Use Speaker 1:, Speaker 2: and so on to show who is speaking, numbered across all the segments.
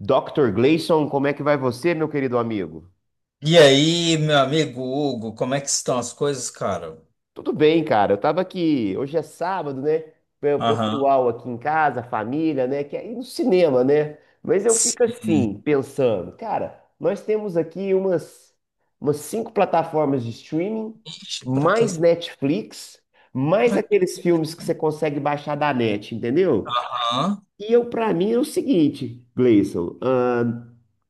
Speaker 1: Dr. Gleison, como é que vai você, meu querido amigo?
Speaker 2: E aí, meu amigo Hugo, como é que estão as coisas, cara?
Speaker 1: Tudo bem, cara. Eu tava aqui, hoje é sábado, né? O
Speaker 2: Aham.
Speaker 1: pessoal aqui em casa, a família, né? Quer ir no cinema, né? Mas eu fico
Speaker 2: Sim.
Speaker 1: assim, pensando, cara, nós temos aqui umas cinco plataformas de streaming,
Speaker 2: Ixi, pra que?
Speaker 1: mais Netflix, mais
Speaker 2: Pra quê?
Speaker 1: aqueles filmes que você consegue baixar da net, entendeu?
Speaker 2: Aham.
Speaker 1: E eu, pra mim, é o seguinte, Gleison,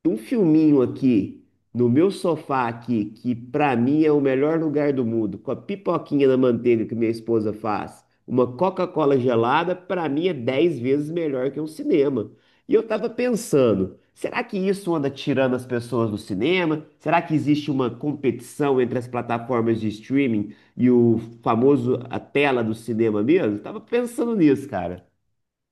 Speaker 1: um filminho aqui no meu sofá aqui, que pra mim é o melhor lugar do mundo, com a pipoquinha na manteiga que minha esposa faz, uma Coca-Cola gelada, pra mim é 10 vezes melhor que um cinema. E eu tava pensando, será que isso anda tirando as pessoas do cinema? Será que existe uma competição entre as plataformas de streaming e o famoso a tela do cinema mesmo? Tava pensando nisso, cara.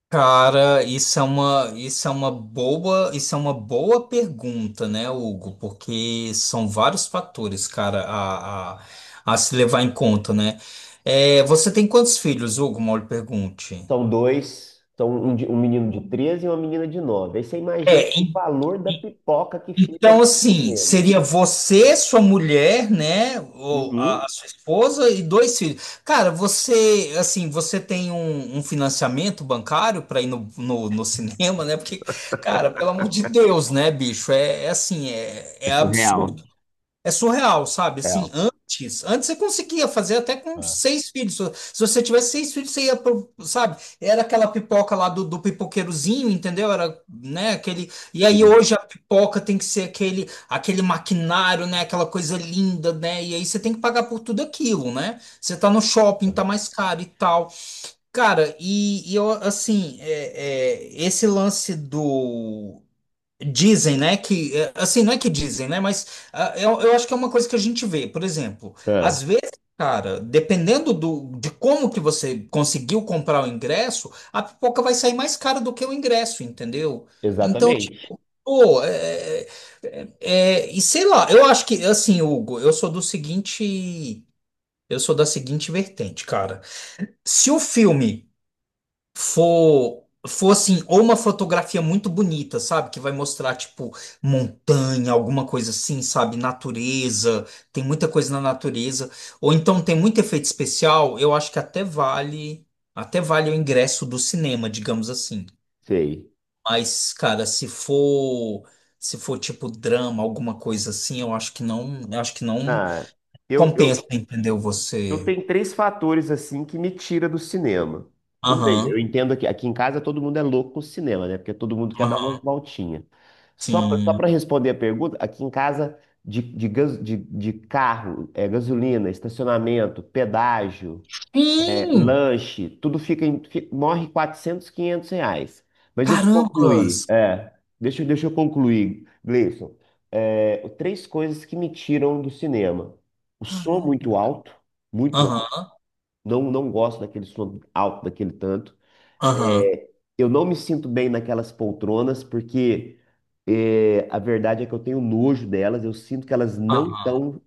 Speaker 2: Cara, isso é uma boa pergunta, né, Hugo? Porque são vários fatores, cara, a se levar em conta, né? É, você tem quantos filhos, Hugo? Mal lhe pergunte.
Speaker 1: São dois, um menino de 13 e uma menina de nove. Aí você imagina
Speaker 2: É.
Speaker 1: o valor da pipoca que fica no
Speaker 2: Então, assim,
Speaker 1: cinema.
Speaker 2: seria você, sua mulher, né? Ou
Speaker 1: Uhum.
Speaker 2: a sua esposa e dois filhos. Cara, você, assim, você tem um financiamento bancário para ir no cinema, né? Porque, cara, pelo amor de Deus, né, bicho? É, é assim, é,
Speaker 1: É
Speaker 2: é
Speaker 1: surreal.
Speaker 2: absurdo. É surreal, sabe? Assim,
Speaker 1: Real.
Speaker 2: antes você conseguia fazer até com
Speaker 1: Ah,
Speaker 2: seis filhos. Se você tivesse seis filhos, você ia pro, sabe? Era aquela pipoca lá do pipoqueirozinho, entendeu? Era, né, aquele. E aí
Speaker 1: sim.
Speaker 2: hoje a pipoca tem que ser aquele maquinário, né? Aquela coisa linda, né? E aí você tem que pagar por tudo aquilo, né? Você tá no shopping, tá mais caro e tal. Cara, e eu, assim, esse lance do. Dizem, né, que, é, assim, não é que dizem, né, mas ah, eu acho que é uma coisa que a gente vê, por exemplo,
Speaker 1: Ah,
Speaker 2: às vezes, cara, dependendo do, de como que você conseguiu comprar o ingresso, a pipoca vai sair mais cara do que o ingresso, entendeu? Então, tipo,
Speaker 1: exatamente.
Speaker 2: e sei lá, eu acho que, assim, Hugo, eu sou da seguinte vertente, cara, se o filme for assim, ou uma fotografia muito bonita, sabe? Que vai mostrar, tipo, montanha, alguma coisa assim, sabe? Natureza, tem muita coisa na natureza. Ou então tem muito efeito especial, eu acho que até vale o ingresso do cinema, digamos assim.
Speaker 1: Sei.
Speaker 2: Mas, cara, se for, se for tipo drama, alguma coisa assim, eu acho que não
Speaker 1: Ah, eu,
Speaker 2: compensa,
Speaker 1: eu,
Speaker 2: entendeu?
Speaker 1: eu
Speaker 2: Você.
Speaker 1: tenho três fatores assim que me tira do cinema. Tudo bem, eu
Speaker 2: Aham,
Speaker 1: entendo que aqui em casa todo mundo é louco com o cinema, né? Porque todo mundo quer dar uma
Speaker 2: aham,
Speaker 1: voltinha. Só
Speaker 2: sim.
Speaker 1: para responder a pergunta, aqui em casa de carro, é, gasolina, estacionamento, pedágio, é,
Speaker 2: Sim!
Speaker 1: lanche, tudo fica morre R$ 400, R$ 500. Mas deixa eu concluir.
Speaker 2: Carambas!
Speaker 1: É, deixa eu concluir, Gleison. É, três coisas que me tiram do cinema. O som
Speaker 2: Caramba.
Speaker 1: muito alto, muito
Speaker 2: Aham,
Speaker 1: não gosto daquele som alto, daquele tanto.
Speaker 2: aham,
Speaker 1: É, eu não me sinto bem naquelas poltronas, porque é, a verdade é que eu tenho nojo delas, eu sinto que elas não
Speaker 2: aham.
Speaker 1: estão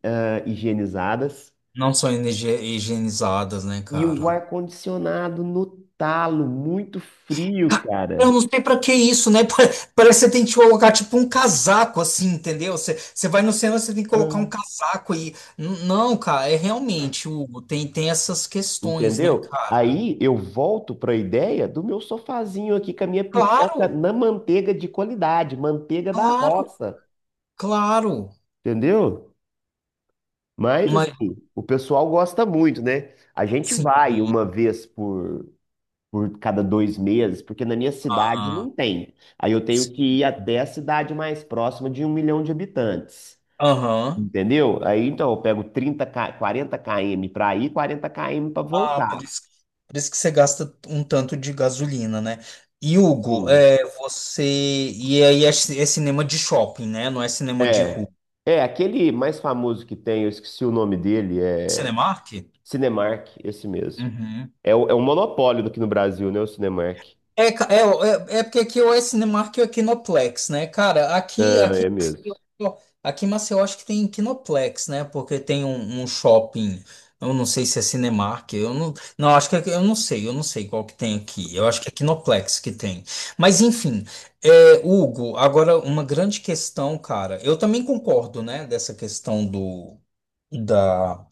Speaker 1: higienizadas.
Speaker 2: Não são higienizadas, né,
Speaker 1: E o
Speaker 2: cara?
Speaker 1: ar-condicionado no talo, muito frio,
Speaker 2: Ca- Eu
Speaker 1: cara.
Speaker 2: não sei pra que isso, né? Parece que você tem que colocar tipo um casaco, assim, entendeu? Você vai no cinema, você tem que colocar um
Speaker 1: Ah.
Speaker 2: casaco e. Não, cara, é realmente, Hugo, tem essas questões, né,
Speaker 1: Entendeu?
Speaker 2: cara?
Speaker 1: Aí eu volto para a ideia do meu sofazinho aqui com a minha pipoca
Speaker 2: Claro,
Speaker 1: na manteiga de qualidade, manteiga da
Speaker 2: claro,
Speaker 1: roça.
Speaker 2: claro.
Speaker 1: Entendeu? Mas,
Speaker 2: Mas,
Speaker 1: assim, o pessoal gosta muito, né? A gente
Speaker 2: sim.
Speaker 1: vai uma vez por cada dois meses, porque na minha cidade
Speaker 2: Ah,
Speaker 1: não tem. Aí eu tenho que
Speaker 2: sim.
Speaker 1: ir até a cidade mais próxima de um milhão de habitantes.
Speaker 2: Aham.
Speaker 1: Entendeu? Aí então eu pego 30 K 40 km para ir, 40 km para
Speaker 2: Ah,
Speaker 1: voltar.
Speaker 2: por isso que você gasta um tanto de gasolina, né? E Hugo,
Speaker 1: Hum.
Speaker 2: é, você. E aí é, é cinema de shopping, né? Não é cinema de
Speaker 1: É.
Speaker 2: rua.
Speaker 1: É, aquele mais famoso que tem, eu esqueci o nome dele,
Speaker 2: É
Speaker 1: é
Speaker 2: Cinemark?
Speaker 1: Cinemark, esse mesmo.
Speaker 2: Uhum.
Speaker 1: É, o- é um monopólio aqui no Brasil, né? O Cinemark.
Speaker 2: É, porque aqui ou é Cinemark ou é Kinoplex, né? Cara, aqui,
Speaker 1: Ah,
Speaker 2: aqui,
Speaker 1: é mesmo.
Speaker 2: ó, aqui em Maceió acho que tem Kinoplex, né? Porque tem um shopping, eu não sei se é Cinemark, eu não, não acho que é, eu não sei qual que tem aqui. Eu acho que é Kinoplex que tem. Mas enfim, é, Hugo, agora uma grande questão, cara. Eu também concordo, né, dessa questão do da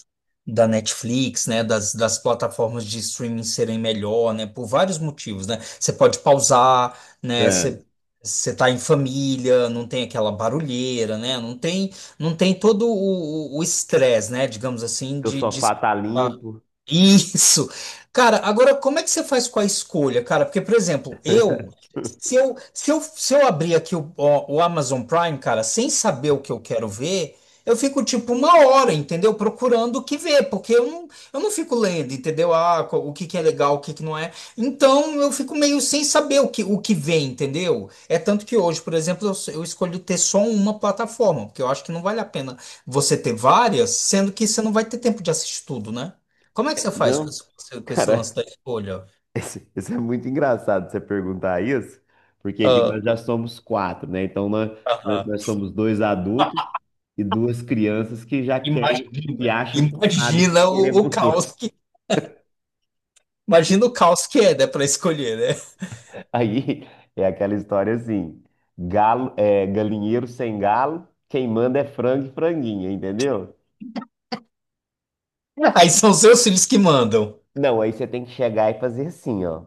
Speaker 2: da Netflix, né, das plataformas de streaming serem melhor, né, por vários motivos, né? Você pode pausar, né,
Speaker 1: É.
Speaker 2: você tá em família, não tem aquela barulheira, né? Não tem todo o estresse, né, digamos assim,
Speaker 1: Que o
Speaker 2: de
Speaker 1: sofá tá limpo.
Speaker 2: isso. Cara, agora como é que você faz com a escolha, cara? Porque, por exemplo, eu, se eu abrir aqui o Amazon Prime, cara, sem saber o que eu quero ver, eu fico tipo uma hora, entendeu? Procurando o que ver, porque eu não fico lendo, entendeu? Ah, o que que é legal, o que que não é. Então, eu fico meio sem saber o que vem, entendeu? É tanto que hoje, por exemplo, eu escolho ter só uma plataforma, porque eu acho que não vale a pena você ter várias, sendo que você não vai ter tempo de assistir tudo, né? Como é que você faz
Speaker 1: Não,
Speaker 2: com esse lance
Speaker 1: cara,
Speaker 2: da escolha?
Speaker 1: isso é muito engraçado você perguntar isso, porque aqui
Speaker 2: Ah,
Speaker 1: nós já somos quatro, né? Então nós, nós
Speaker 2: aham.
Speaker 1: nós somos dois adultos e duas crianças que já querem,
Speaker 2: Imagina,
Speaker 1: que acham que sabem que
Speaker 2: imagina o, o
Speaker 1: queremos. Coisa.
Speaker 2: caos que, imagina o caos que é, né, para escolher, né?
Speaker 1: Aí é aquela história assim: galo, é, galinheiro sem galo, quem manda é frango e franguinha, entendeu?
Speaker 2: Aí são seus filhos que mandam.
Speaker 1: Não, aí você tem que chegar e fazer assim, ó.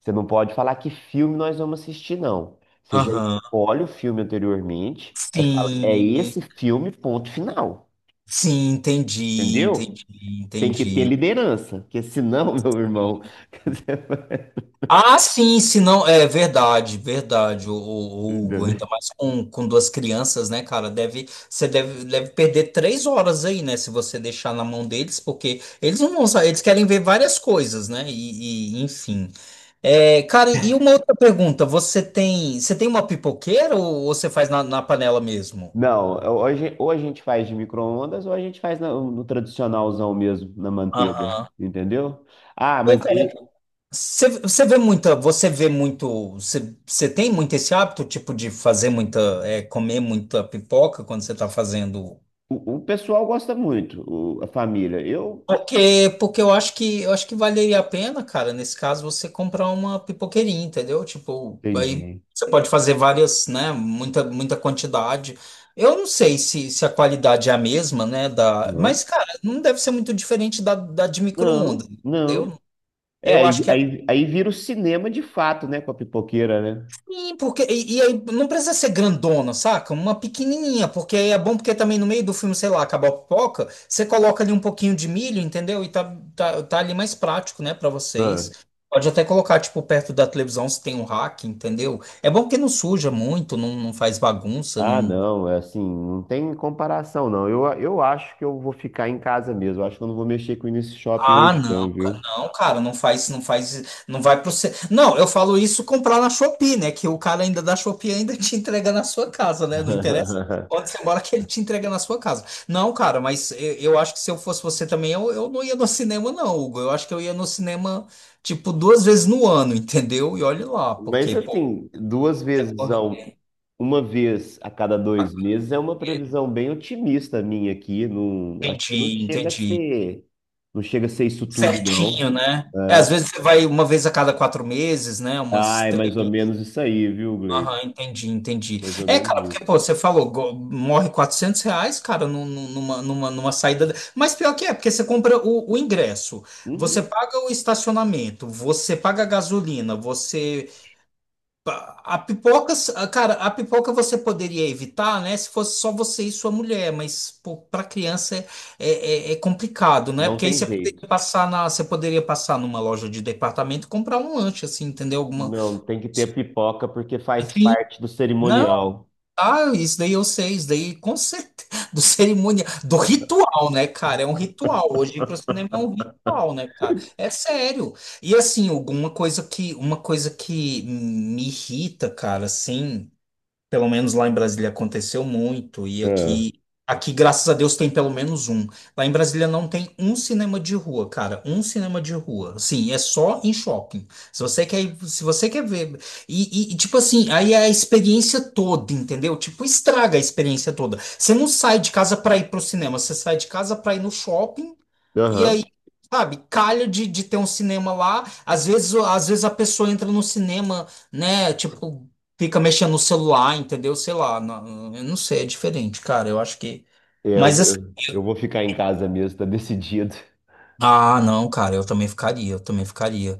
Speaker 1: Você não pode falar que filme nós vamos assistir, não. Você já
Speaker 2: Aham.
Speaker 1: escolhe o filme anteriormente, aí fala, é
Speaker 2: Sim,
Speaker 1: esse filme, ponto final.
Speaker 2: sim, entendi,
Speaker 1: Entendeu?
Speaker 2: entendi,
Speaker 1: Tem que ter
Speaker 2: entendi.
Speaker 1: liderança, porque senão, meu irmão. você vai-
Speaker 2: Ah, sim, se não, é verdade, verdade, o Hugo, ainda mais com duas crianças, né, cara, deve, você deve perder 3 horas aí, né, se você deixar na mão deles, porque eles não vão saber, eles querem ver várias coisas, né, enfim. É, cara, e uma outra pergunta, você tem uma pipoqueira ou você faz na panela mesmo?
Speaker 1: Não, hoje ou a gente faz de micro-ondas ou a gente faz no tradicionalzão mesmo, na manteiga.
Speaker 2: Aham.
Speaker 1: Entendeu? Ah,
Speaker 2: Pô,
Speaker 1: mas
Speaker 2: cara,
Speaker 1: aí
Speaker 2: Você vê muita, você vê muito, você tem muito esse hábito, tipo, de fazer muita, comer muita pipoca quando você está fazendo.
Speaker 1: o pessoal gosta muito, a família. Eu
Speaker 2: Porque, porque eu acho que valeria a pena, cara, nesse caso, você comprar uma pipoqueirinha, entendeu? Tipo, aí
Speaker 1: entendi.
Speaker 2: você pode fazer várias, né? Muita, muita quantidade. Eu não sei se a qualidade é a mesma, né? Da, mas,
Speaker 1: Não,
Speaker 2: cara, não deve ser muito diferente da de
Speaker 1: não,
Speaker 2: micro-ondas,
Speaker 1: não.
Speaker 2: entendeu?
Speaker 1: É,
Speaker 2: Eu acho que é.
Speaker 1: aí vira o cinema de fato, né, com a pipoqueira, né?
Speaker 2: Sim, porque e aí não precisa ser grandona, saca? Uma pequenininha, porque aí é bom porque também no meio do filme, sei lá, acabou a pipoca, você coloca ali um pouquinho de milho, entendeu? E tá ali mais prático, né, pra
Speaker 1: Ah,
Speaker 2: vocês. Pode até colocar, tipo, perto da televisão se tem um rack, entendeu? É bom porque não suja muito, não, não faz bagunça,
Speaker 1: ah,
Speaker 2: não.
Speaker 1: não, é assim, não tem comparação, não. Eu acho que eu vou ficar em casa mesmo. Eu acho que eu não vou mexer com esse shopping
Speaker 2: Ah,
Speaker 1: hoje,
Speaker 2: não,
Speaker 1: não,
Speaker 2: cara,
Speaker 1: viu?
Speaker 2: não, cara, não faz, não faz, não vai pro você. Não, eu falo isso comprar na Shopee, né? Que o cara ainda da Shopee ainda te entrega na sua casa, né? Não interessa onde você mora que ele te entrega na sua casa. Não, cara, mas eu acho que se eu fosse você também, eu não ia no cinema, não, Hugo. Eu acho que eu ia no cinema, tipo, duas vezes no ano, entendeu? E olhe lá,
Speaker 1: Mas,
Speaker 2: porque, pô,
Speaker 1: assim,
Speaker 2: você morre de
Speaker 1: uma vez a cada dois meses é uma
Speaker 2: maconheiro.
Speaker 1: previsão bem otimista minha aqui. Não, acho que
Speaker 2: Entendi, entendi.
Speaker 1: não chega a ser isso tudo,
Speaker 2: Certinho,
Speaker 1: não.
Speaker 2: né? É, às
Speaker 1: É.
Speaker 2: vezes você vai uma vez a cada 4 meses, né? Umas
Speaker 1: Ah, é mais ou
Speaker 2: três.
Speaker 1: menos isso aí, viu, Gleito?
Speaker 2: Aham, entendi, entendi.
Speaker 1: Mais ou
Speaker 2: É,
Speaker 1: menos
Speaker 2: cara, porque,
Speaker 1: isso.
Speaker 2: pô, você falou, morre R$ 400, cara, numa saída. Mas pior que é, porque você compra o ingresso, você
Speaker 1: Uhum.
Speaker 2: paga o estacionamento, você paga a gasolina, você. A pipoca, cara, a pipoca você poderia evitar, né, se fosse só você e sua mulher, mas, pô, pra criança é, é complicado, né?
Speaker 1: Não
Speaker 2: Porque aí
Speaker 1: tem
Speaker 2: você poderia
Speaker 1: jeito.
Speaker 2: passar na, você poderia passar numa loja de departamento e comprar um lanche, assim, entendeu? Alguma.
Speaker 1: Não, tem que ter pipoca porque faz
Speaker 2: Sim.
Speaker 1: parte do
Speaker 2: Não,
Speaker 1: cerimonial.
Speaker 2: ah, isso daí eu sei, isso daí com certeza, do cerimonial, do ritual, né, cara? É um ritual. Hoje ir pro cinema é um ritual, né, cara? É sério. E assim, alguma coisa que, uma coisa que me irrita, cara, assim. Pelo menos lá em Brasília aconteceu muito, e
Speaker 1: É.
Speaker 2: aqui, aqui, graças a Deus, tem pelo menos um. Lá em Brasília não tem um cinema de rua, cara, um cinema de rua. Assim, é só em shopping. Se você quer ver. Tipo assim, aí é a experiência toda, entendeu? Tipo, estraga a experiência toda. Você não sai de casa para ir pro cinema, você sai de casa para ir no shopping, e aí.
Speaker 1: Aham.
Speaker 2: Sabe, calha de ter um cinema lá. Às vezes a pessoa entra no cinema, né? Tipo, fica mexendo no celular, entendeu? Sei lá, não, eu não sei, é diferente, cara. Eu acho que. Mas assim.
Speaker 1: Eu vou ficar em casa mesmo, tá decidido.
Speaker 2: Ah, não, cara, eu também ficaria, eu também ficaria.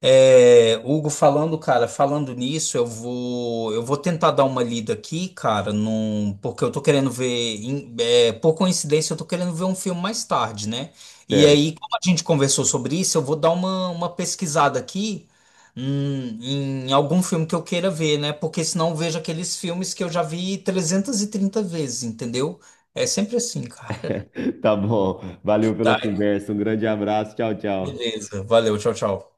Speaker 2: É, Hugo, falando, cara, falando nisso, eu vou tentar dar uma lida aqui, cara, num, porque eu tô querendo ver, por coincidência, eu tô querendo ver um filme mais tarde, né? E
Speaker 1: Certo.
Speaker 2: aí, como a gente conversou sobre isso, eu vou dar uma pesquisada aqui, em algum filme que eu queira ver, né? Porque senão eu vejo aqueles filmes que eu já vi 330 vezes, entendeu? É sempre assim, cara.
Speaker 1: Tá bom. Valeu pela
Speaker 2: Tá,
Speaker 1: conversa. Um grande abraço. Tchau, tchau.
Speaker 2: beleza. Valeu, tchau, tchau.